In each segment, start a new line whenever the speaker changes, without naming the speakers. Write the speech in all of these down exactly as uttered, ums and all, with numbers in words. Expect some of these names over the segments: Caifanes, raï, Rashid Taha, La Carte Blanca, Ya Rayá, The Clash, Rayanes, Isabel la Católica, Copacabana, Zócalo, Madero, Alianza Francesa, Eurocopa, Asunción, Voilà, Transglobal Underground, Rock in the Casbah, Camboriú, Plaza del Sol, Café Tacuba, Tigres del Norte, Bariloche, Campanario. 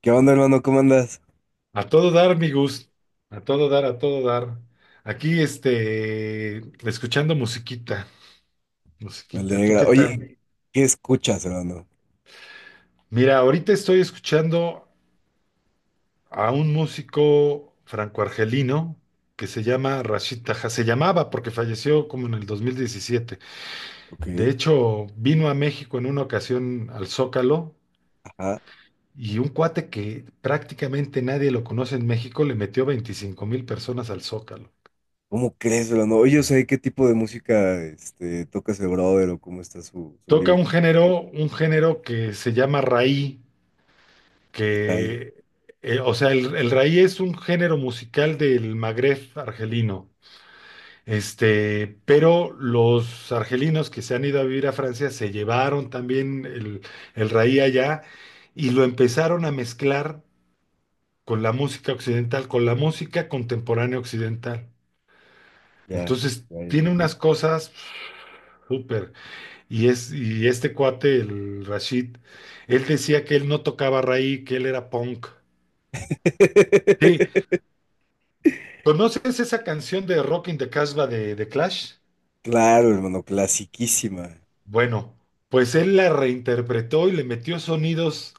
¿Qué onda, hermano? ¿Cómo andas?
A todo dar, mi Gus. A todo dar, a todo dar. Aquí, este, escuchando musiquita,
Me
musiquita. ¿Tú
alegra.
qué tal?
Oye, ¿qué escuchas, hermano?
Mira, ahorita estoy escuchando a un músico franco-argelino que se llama Rashid Taha. Se llamaba porque falleció como en el dos mil diecisiete.
Ok.
De hecho, vino a México en una ocasión al Zócalo
Ajá.
y un cuate que prácticamente nadie lo conoce en México le metió veinticinco mil personas al Zócalo.
¿Cómo crees, hermano? Oye, o sea, ¿qué tipo de música este, toca ese brother o cómo está su, su
Toca
vibra?
un género, un género que se llama raï,
Está ahí.
que, eh, o sea, el, el raï es un género musical del Magreb argelino. Este, pero los argelinos que se han ido a vivir a Francia se llevaron también el, el raï allá y lo empezaron a mezclar con la música occidental, con la música contemporánea occidental.
Ya,
Entonces,
ya, ya,
tiene
ya.
unas cosas súper. Y, es, y este cuate, el Rashid, él decía que él no tocaba raíz, que él era punk. Sí, ¿conoces esa canción de Rock in the Casbah de, de Clash?
Claro, hermano, clasiquísima.
Bueno, pues él la reinterpretó y le metió sonidos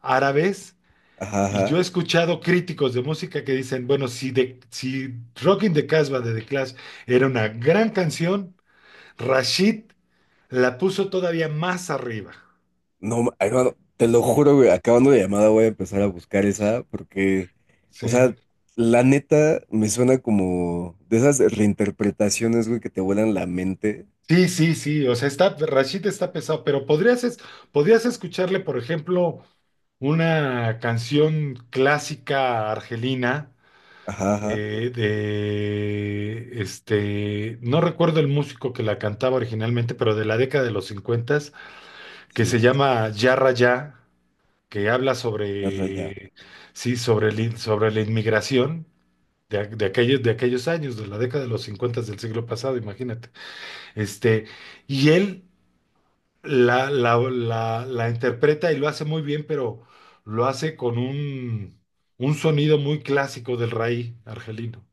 árabes.
Ajá,
Y
ajá.
yo he escuchado críticos de música que dicen, bueno, si, de, si Rock in the Casbah de The Clash era una gran canción, Rashid la puso todavía más arriba.
No, ma- hermano, te lo juro, güey, acabando la llamada voy a empezar a buscar esa porque, o
Sí.
sea, la neta me suena como de esas reinterpretaciones, güey, que te vuelan la mente.
Sí, sí, sí, o sea, está, Rashid está pesado, pero podrías, es- podrías escucharle, por ejemplo, una canción clásica argelina
Ajá, ajá.
de, de, este, no recuerdo el músico que la cantaba originalmente, pero de la década de los cincuenta que
Sí,
se llama Ya Rayá, que habla
es raya.
sobre, sí, sobre, el in- sobre la inmigración. De, a- de aquellos, de aquellos años, de la década de los cincuenta del siglo pasado, imagínate. Este, y él la, la, la, la interpreta y lo hace muy bien, pero lo hace con un, un sonido muy clásico del raï argelino.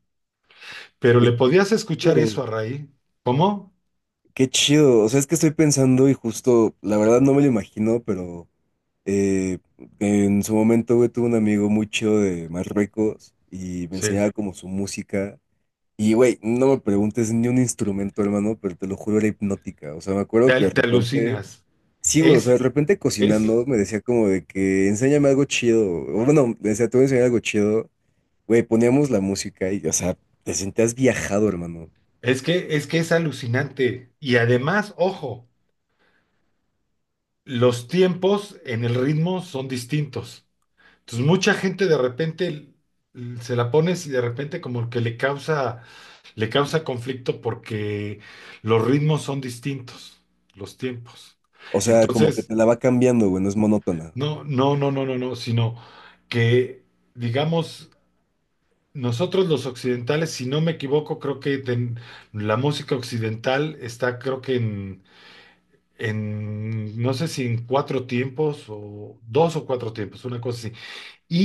Pero le
Oye,
podías escuchar eso
chido,
a raï. ¿Cómo?
qué chido. O sea, es que estoy pensando y justo, la verdad no me lo imagino, pero eh, en su momento, güey, tuve un amigo muy chido de Marruecos y me
Sí.
enseñaba como su música. Y, güey, no me preguntes ni un instrumento, hermano, pero te lo juro, era hipnótica. O sea, me
Te,
acuerdo que de
al- te
repente,
alucinas.
sí, güey, o sea,
Es,
de repente
es,
cocinando me decía como de que enséñame algo chido. O bueno, me decía, te voy a enseñar algo chido. Güey, poníamos la música y, o sea, te sentías viajado, hermano.
es que, es que es alucinante. Y además, ojo, los tiempos en el ritmo son distintos. Entonces, mucha gente de repente l- se la pones y de repente como que le causa, le causa conflicto porque los ritmos son distintos, los tiempos.
O sea, como que
Entonces,
te la va cambiando, güey, no es monótona.
no, no, no, no, no, no, sino que, digamos, nosotros los occidentales, si no me equivoco, creo que ten- la música occidental está, creo que en, en, no sé si en cuatro tiempos o dos o cuatro tiempos, una cosa así.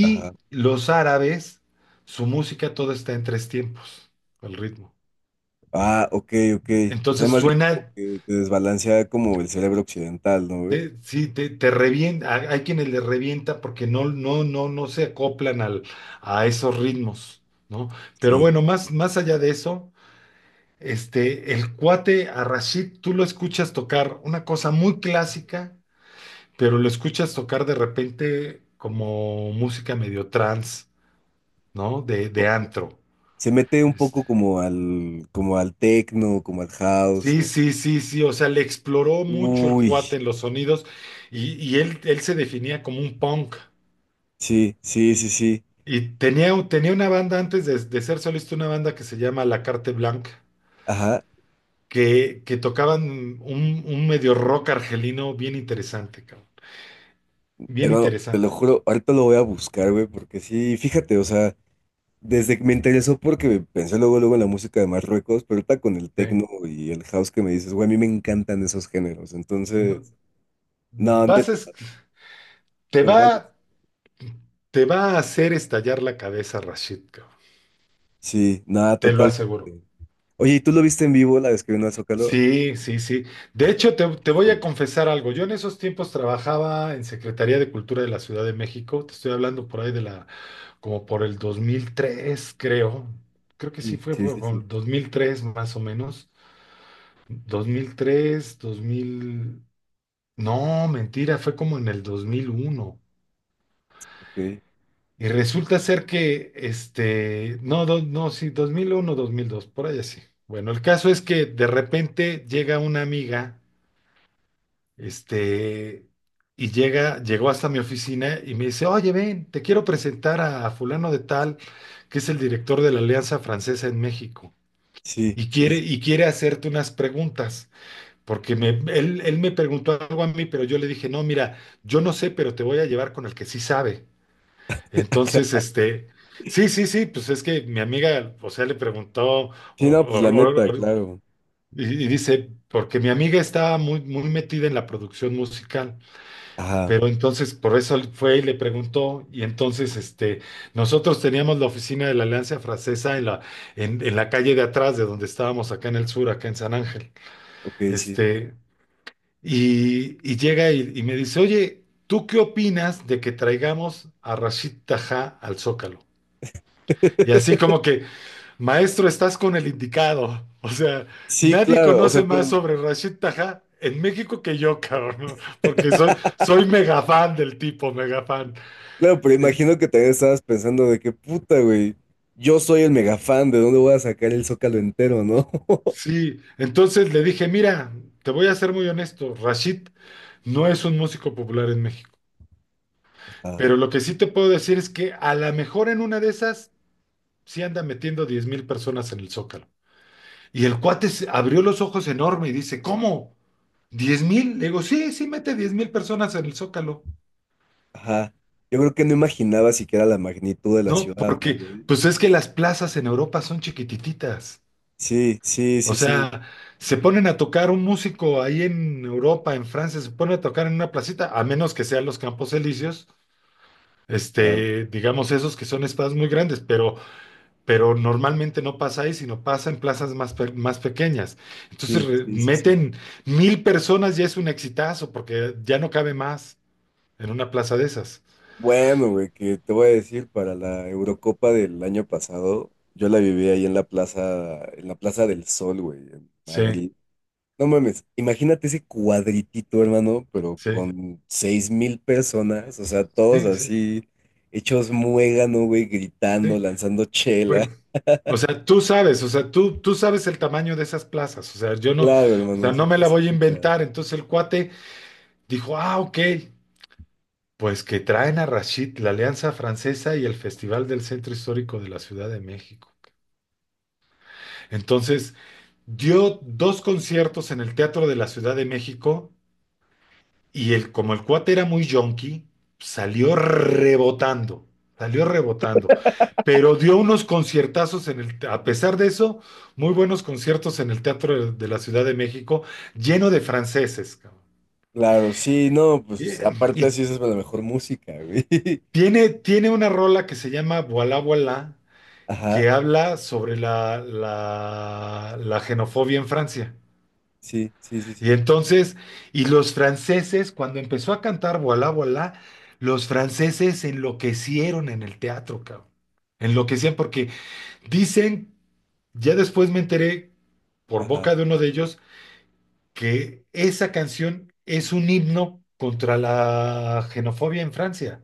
Ajá.
los árabes, su música todo está en tres tiempos, el ritmo.
Ah, ok, ok. O sea,
Entonces
más bien como
suena,
que te desbalancea como el cerebro occidental, ¿no, güey?
te- sí, te, te revienta, hay hay quienes le revienta porque no, no, no, no se acoplan al, a esos ritmos, ¿no? Pero
Sí.
bueno, más, más allá de eso, este, el cuate a Rashid, tú lo escuchas tocar una cosa muy clásica, pero lo escuchas tocar de repente como música medio trance, ¿no? De,
O-
de antro.
Se mete un
Este.
poco como al, como al techno, como al house,
Sí,
o...
sí, sí, sí, o sea, le exploró mucho el
Uy,
cuate en los sonidos y, y él, él se definía como un punk.
sí, sí, sí, sí.
Y tenía, un- tenía una banda antes de, de ser solista, una banda que se llama La Carte Blanca,
Ajá.
que, que tocaban un, un medio rock argelino bien interesante, cabrón. Bien
Hermano, te
interesante.
lo juro, ahorita lo voy a buscar, güey, porque sí, fíjate, o sea, desde que me interesó porque pensé luego, luego en la música de Marruecos, pero ahorita con el
Sí.
techno y el house que me dices, güey, a mí me encantan esos géneros,
No-
entonces... No,
vas a
neta,
es- te
me voy
va,
a...
te va a hacer estallar la cabeza, Rashid, cabrón.
Sí, nada,
Te lo
totalmente.
aseguro.
Oye, ¿y tú lo viste en vivo la vez que vino al Zócalo?
Sí, sí, sí. De hecho, te, te voy a
Joder.
confesar algo. Yo en esos tiempos trabajaba en Secretaría de Cultura de la Ciudad de México. Te estoy hablando por ahí de la, como por el dos mil tres, creo. Creo que sí
Sí,
fue,
sí,
fue
sí, sí,
con dos mil tres, más o menos. Dos mil tres, dos mil. No, mentira, fue como en el dos mil uno.
ok.
Y resulta ser que, este, no, do- no, sí, dos dos mil uno, dos mil dos, por ahí así. Bueno, el caso es que de repente llega una amiga. Este, y llega, llegó hasta mi oficina y me dice, oye, ven, te quiero presentar a fulano de tal, que es el director de la Alianza Francesa en México.
Sí,
Y
sí,
quiere,
sí.
y quiere hacerte unas preguntas, porque me- él, él me preguntó algo a mí, pero yo le dije, no, mira, yo no sé, pero te voy a llevar con el que sí sabe. Entonces, este, sí, sí, sí, pues es que mi amiga, o sea, le preguntó, o- o-
Sí, no, pues la neta,
o-
claro.
y, y dice, porque mi amiga estaba muy, muy metida en la producción musical.
Ajá,
Pero entonces, por eso él fue y le preguntó, y entonces este, nosotros teníamos la oficina de la Alianza Francesa en la, en, en la calle de atrás de donde estábamos acá en el sur, acá en San Ángel.
ok, sí.
Este, y, y llega y, y me dice, oye, ¿tú qué opinas de que traigamos a Rashid Tajá al Zócalo? Y así como que, maestro, estás con el indicado. O sea,
Sí,
nadie
claro, o
conoce
sea,
más
pero,
sobre Rashid Tajá en México que yo, cabrón, porque soy, soy mega fan del tipo, mega fan.
claro, pero
En-
imagino que también estabas pensando de que puta, güey, yo soy el mega fan, ¿de dónde voy a sacar el Zócalo entero, no?
sí, entonces le dije, mira, te voy a ser muy honesto. Rashid no es un músico popular en México,
Ajá,
pero lo que sí te puedo decir es que a lo mejor en una de esas sí anda metiendo diez mil personas en el Zócalo. Y el cuate se- abrió los ojos enorme y dice, ¿cómo? ¿Diez mil? Le digo, sí, sí mete diez mil personas en el Zócalo.
ajá. Yo creo que no imaginaba siquiera la magnitud de la
No,
ciudad, ¿no,
porque
güey?
pues es que las plazas en Europa son chiquititas.
Sí, sí,
O
sí, sí.
sea, se ponen a tocar un músico ahí en Europa, en Francia, se ponen a tocar en una placita, a menos que sean los Campos Elíseos,
Claro.
este, digamos esos que son estados muy grandes, pero, pero normalmente no pasa ahí, sino pasa en plazas más, pe- más pequeñas. Entonces
Sí,
re-
sí, sí, sí.
meten mil personas y es un exitazo, porque ya no cabe más en una plaza de esas.
Bueno, güey, que te voy a decir, para la Eurocopa del año pasado, yo la viví ahí en la plaza, en la Plaza del Sol, güey, en
Sí,
Madrid. No mames, imagínate ese cuadritito, hermano, pero
sí,
con seis mil personas, o sea, todos
sí, sí,
así, hechos muégano, güey, gritando,
sí.
lanzando chela.
Bueno, o sea, tú sabes, o sea, tú, tú sabes el tamaño de esas plazas, o sea, yo no,
Claro,
o sea,
hermano,
no
son
me la voy a
cositas.
inventar. Entonces el cuate dijo, ah, ok, pues que traen a Rashid, la Alianza Francesa y el Festival del Centro Histórico de la Ciudad de México. Entonces dio dos conciertos en el Teatro de la Ciudad de México. Y el, como el cuate era muy yonki, salió rebotando, salió rebotando. Pero dio unos conciertazos en el, te- a pesar de eso, muy buenos conciertos en el Teatro de, de la Ciudad de México, lleno de franceses, cabrón.
Claro, sí, no,
Y,
pues aparte
y
así esa es la mejor música, güey.
tiene, tiene una rola que se llama Voilà, voilà,
Ajá,
que habla sobre la, la, la xenofobia en Francia.
sí, sí, sí,
Y
sí,
entonces, y los franceses, cuando empezó a cantar Voilà, voilà, los franceses enloquecieron en el teatro, cabrón. Enloquecían porque dicen, ya después me enteré por
ajá,
boca de uno de ellos, que esa canción es un himno contra la xenofobia en Francia.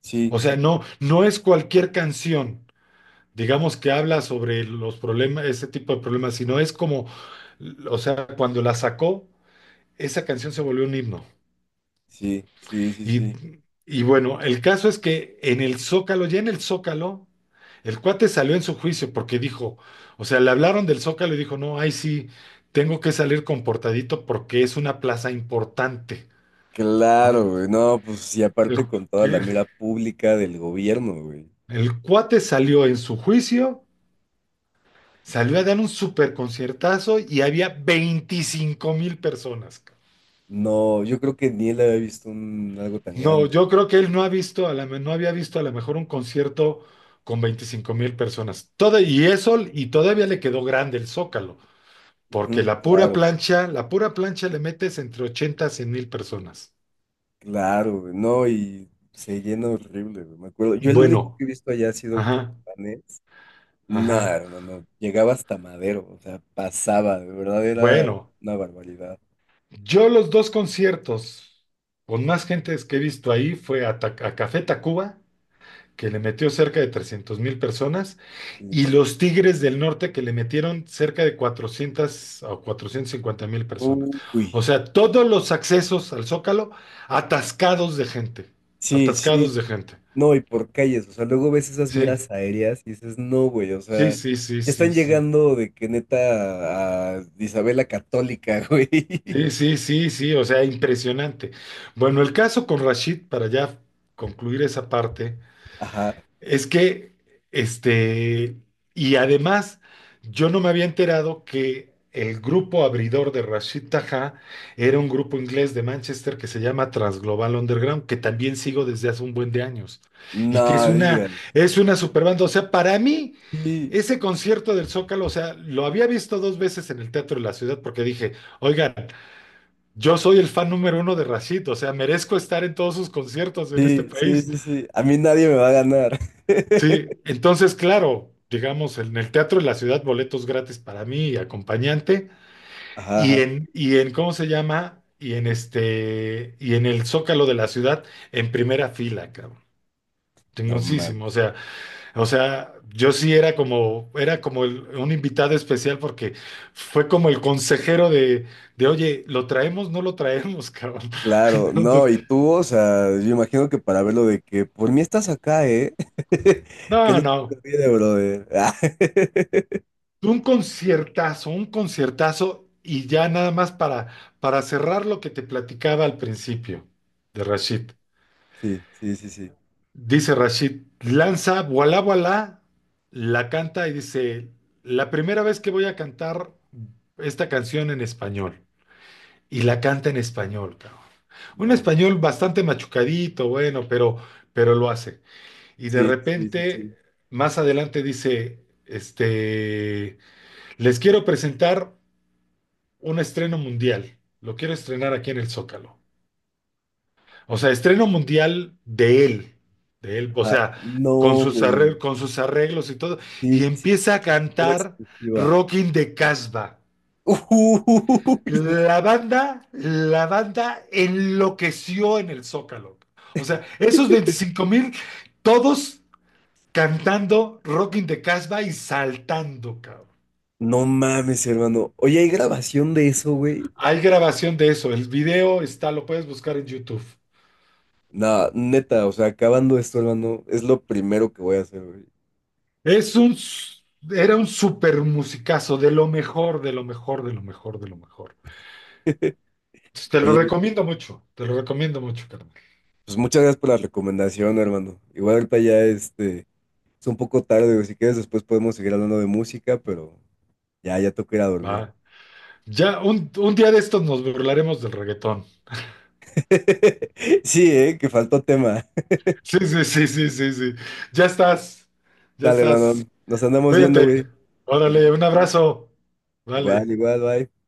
sí,
O
sí,
sea, no, no es cualquier canción, digamos, que habla sobre los problemas, ese tipo de problemas, sino es como, o sea, cuando la sacó, esa canción se volvió un himno.
sí, sí, sí,
Y,
sí.
y bueno, el caso es que en el Zócalo, ya en el Zócalo, el cuate salió en su juicio porque dijo, o sea, le hablaron del Zócalo y dijo, no, ay sí, tengo que salir comportadito porque es una plaza importante,
Claro,
¿no?
güey. No, pues y
El,
aparte con toda la
que-
mira pública del gobierno, güey.
el cuate salió en su juicio, salió a dar un super conciertazo y había veinticinco mil personas.
No, yo creo que ni él había visto un, algo tan
No,
grande.
yo creo que él no ha visto, a la, me- no había visto a lo mejor un concierto con veinticinco mil personas. Todo, y eso, y todavía le quedó grande el Zócalo, porque
Ujú,
la pura
claro,
plancha, la pura plancha le metes entre ochenta a cien mil personas.
claro, güey. No, y se llena horrible, güey. Me acuerdo. Yo el único
Bueno,
que he visto allá ha sido
ajá,
Caifanes. Nada,
ajá.
hermano. Llegaba hasta Madero, o sea, pasaba, de verdad era
Bueno,
una barbaridad.
yo los dos conciertos con más gentes que he visto ahí fue a, Ta- a Café Tacuba que le metió cerca de trescientos mil personas,
Sí,
y
sí, sí.
los Tigres del Norte, que le metieron cerca de cuatrocientos o cuatrocientos cincuenta mil personas.
Uy,
O sea, todos los accesos al Zócalo atascados de gente,
sí,
atascados
sí.
de gente.
No, y por calles, o sea, luego ves esas
Sí,
miras aéreas y dices, no, güey, o
sí,
sea, ya
sí, sí, sí,
están
sí.
llegando de que neta a Isabel la Católica, güey.
Sí, sí, sí, sí, o sea, impresionante. Bueno, el caso con Rashid, para ya concluir esa parte,
Ajá,
es que, este, y además, yo no me había enterado que el grupo abridor de Rashid Taha era un grupo inglés de Manchester que se llama Transglobal Underground, que también sigo desde hace un buen de años, y que es
no,
una,
digan,
es una super banda. O sea, para mí,
sí,
ese concierto del Zócalo, o sea, lo había visto dos veces en el Teatro de la Ciudad porque dije, oigan, yo soy el fan número uno de Rashid, o sea, merezco estar en todos sus conciertos en este
sí, sí,
país.
sí, sí, a mí nadie me va a ganar.
Sí, entonces, claro, digamos, en el Teatro de la Ciudad, boletos gratis para mí y acompañante,
Ajá,
y
ajá.
en, y en, ¿cómo se llama? Y en este, y en el Zócalo de la Ciudad, en primera fila, cabrón.
No
Chingosísimo, o
mames.
sea, o sea, yo sí era como, era como el- un invitado especial porque fue como el consejero de, de, oye, ¿lo traemos? ¿No lo traemos, cabrón?
Claro,
Entonces,
no, y tú, o sea, yo imagino que para verlo de que por mí estás acá, ¿eh? Que
no,
no te
no.
olvide, brother.
Un conciertazo, un conciertazo y ya nada más para, para cerrar lo que te platicaba al principio de Rashid.
Sí, sí, sí, sí.
Dice Rashid, lanza, voilà, voilà, la canta y dice, la primera vez que voy a cantar esta canción en español. Y la canta en español, cabrón. Un
No mames.
español bastante machucadito, bueno, pero, pero lo hace. Y de
Sí, sí, sí,
repente,
sí.
más adelante dice, este, les quiero presentar un estreno mundial. Lo quiero estrenar aquí en el Zócalo. O sea, estreno mundial de él, de él, o
Ah,
sea, con
no,
sus
güey.
arreglos, con sus arreglos y todo.
Sí,
Y
sí,
empieza a
fue la
cantar
exclusiva.
"Rockin' de Casbah".
Uy, no,
La banda, la banda enloqueció en el Zócalo. O sea, esos veinticinco mil, todos cantando "Rockin' de Casbah" y saltando, cabrón.
no mames, hermano. Oye, ¿hay grabación de eso, güey?
Hay grabación de eso. El video está, lo puedes buscar en YouTube.
Nah, neta, o sea, acabando esto, hermano, es lo primero que voy a hacer, güey.
Es un, s- era un super musicazo, de lo mejor, de lo mejor, de lo mejor, de lo mejor. Te lo
Oye,
recomiendo mucho, te lo recomiendo mucho, carnal.
pues muchas gracias por la recomendación, hermano. Igual ahorita ya este, es un poco tarde, güey. Si quieres, después podemos seguir hablando de música, pero ya, ya toca ir a dormir.
Va. Ya un, un día de estos nos burlaremos del reggaetón.
Sí, eh, que faltó tema.
Sí, sí, sí, sí, sí, sí. Ya estás, ya
Dale, hermano.
estás.
Nos andamos viendo,
Cuídate.
güey. Igual,
Órale, un
bye.
abrazo.
Igual,
Vale.
igual, bye.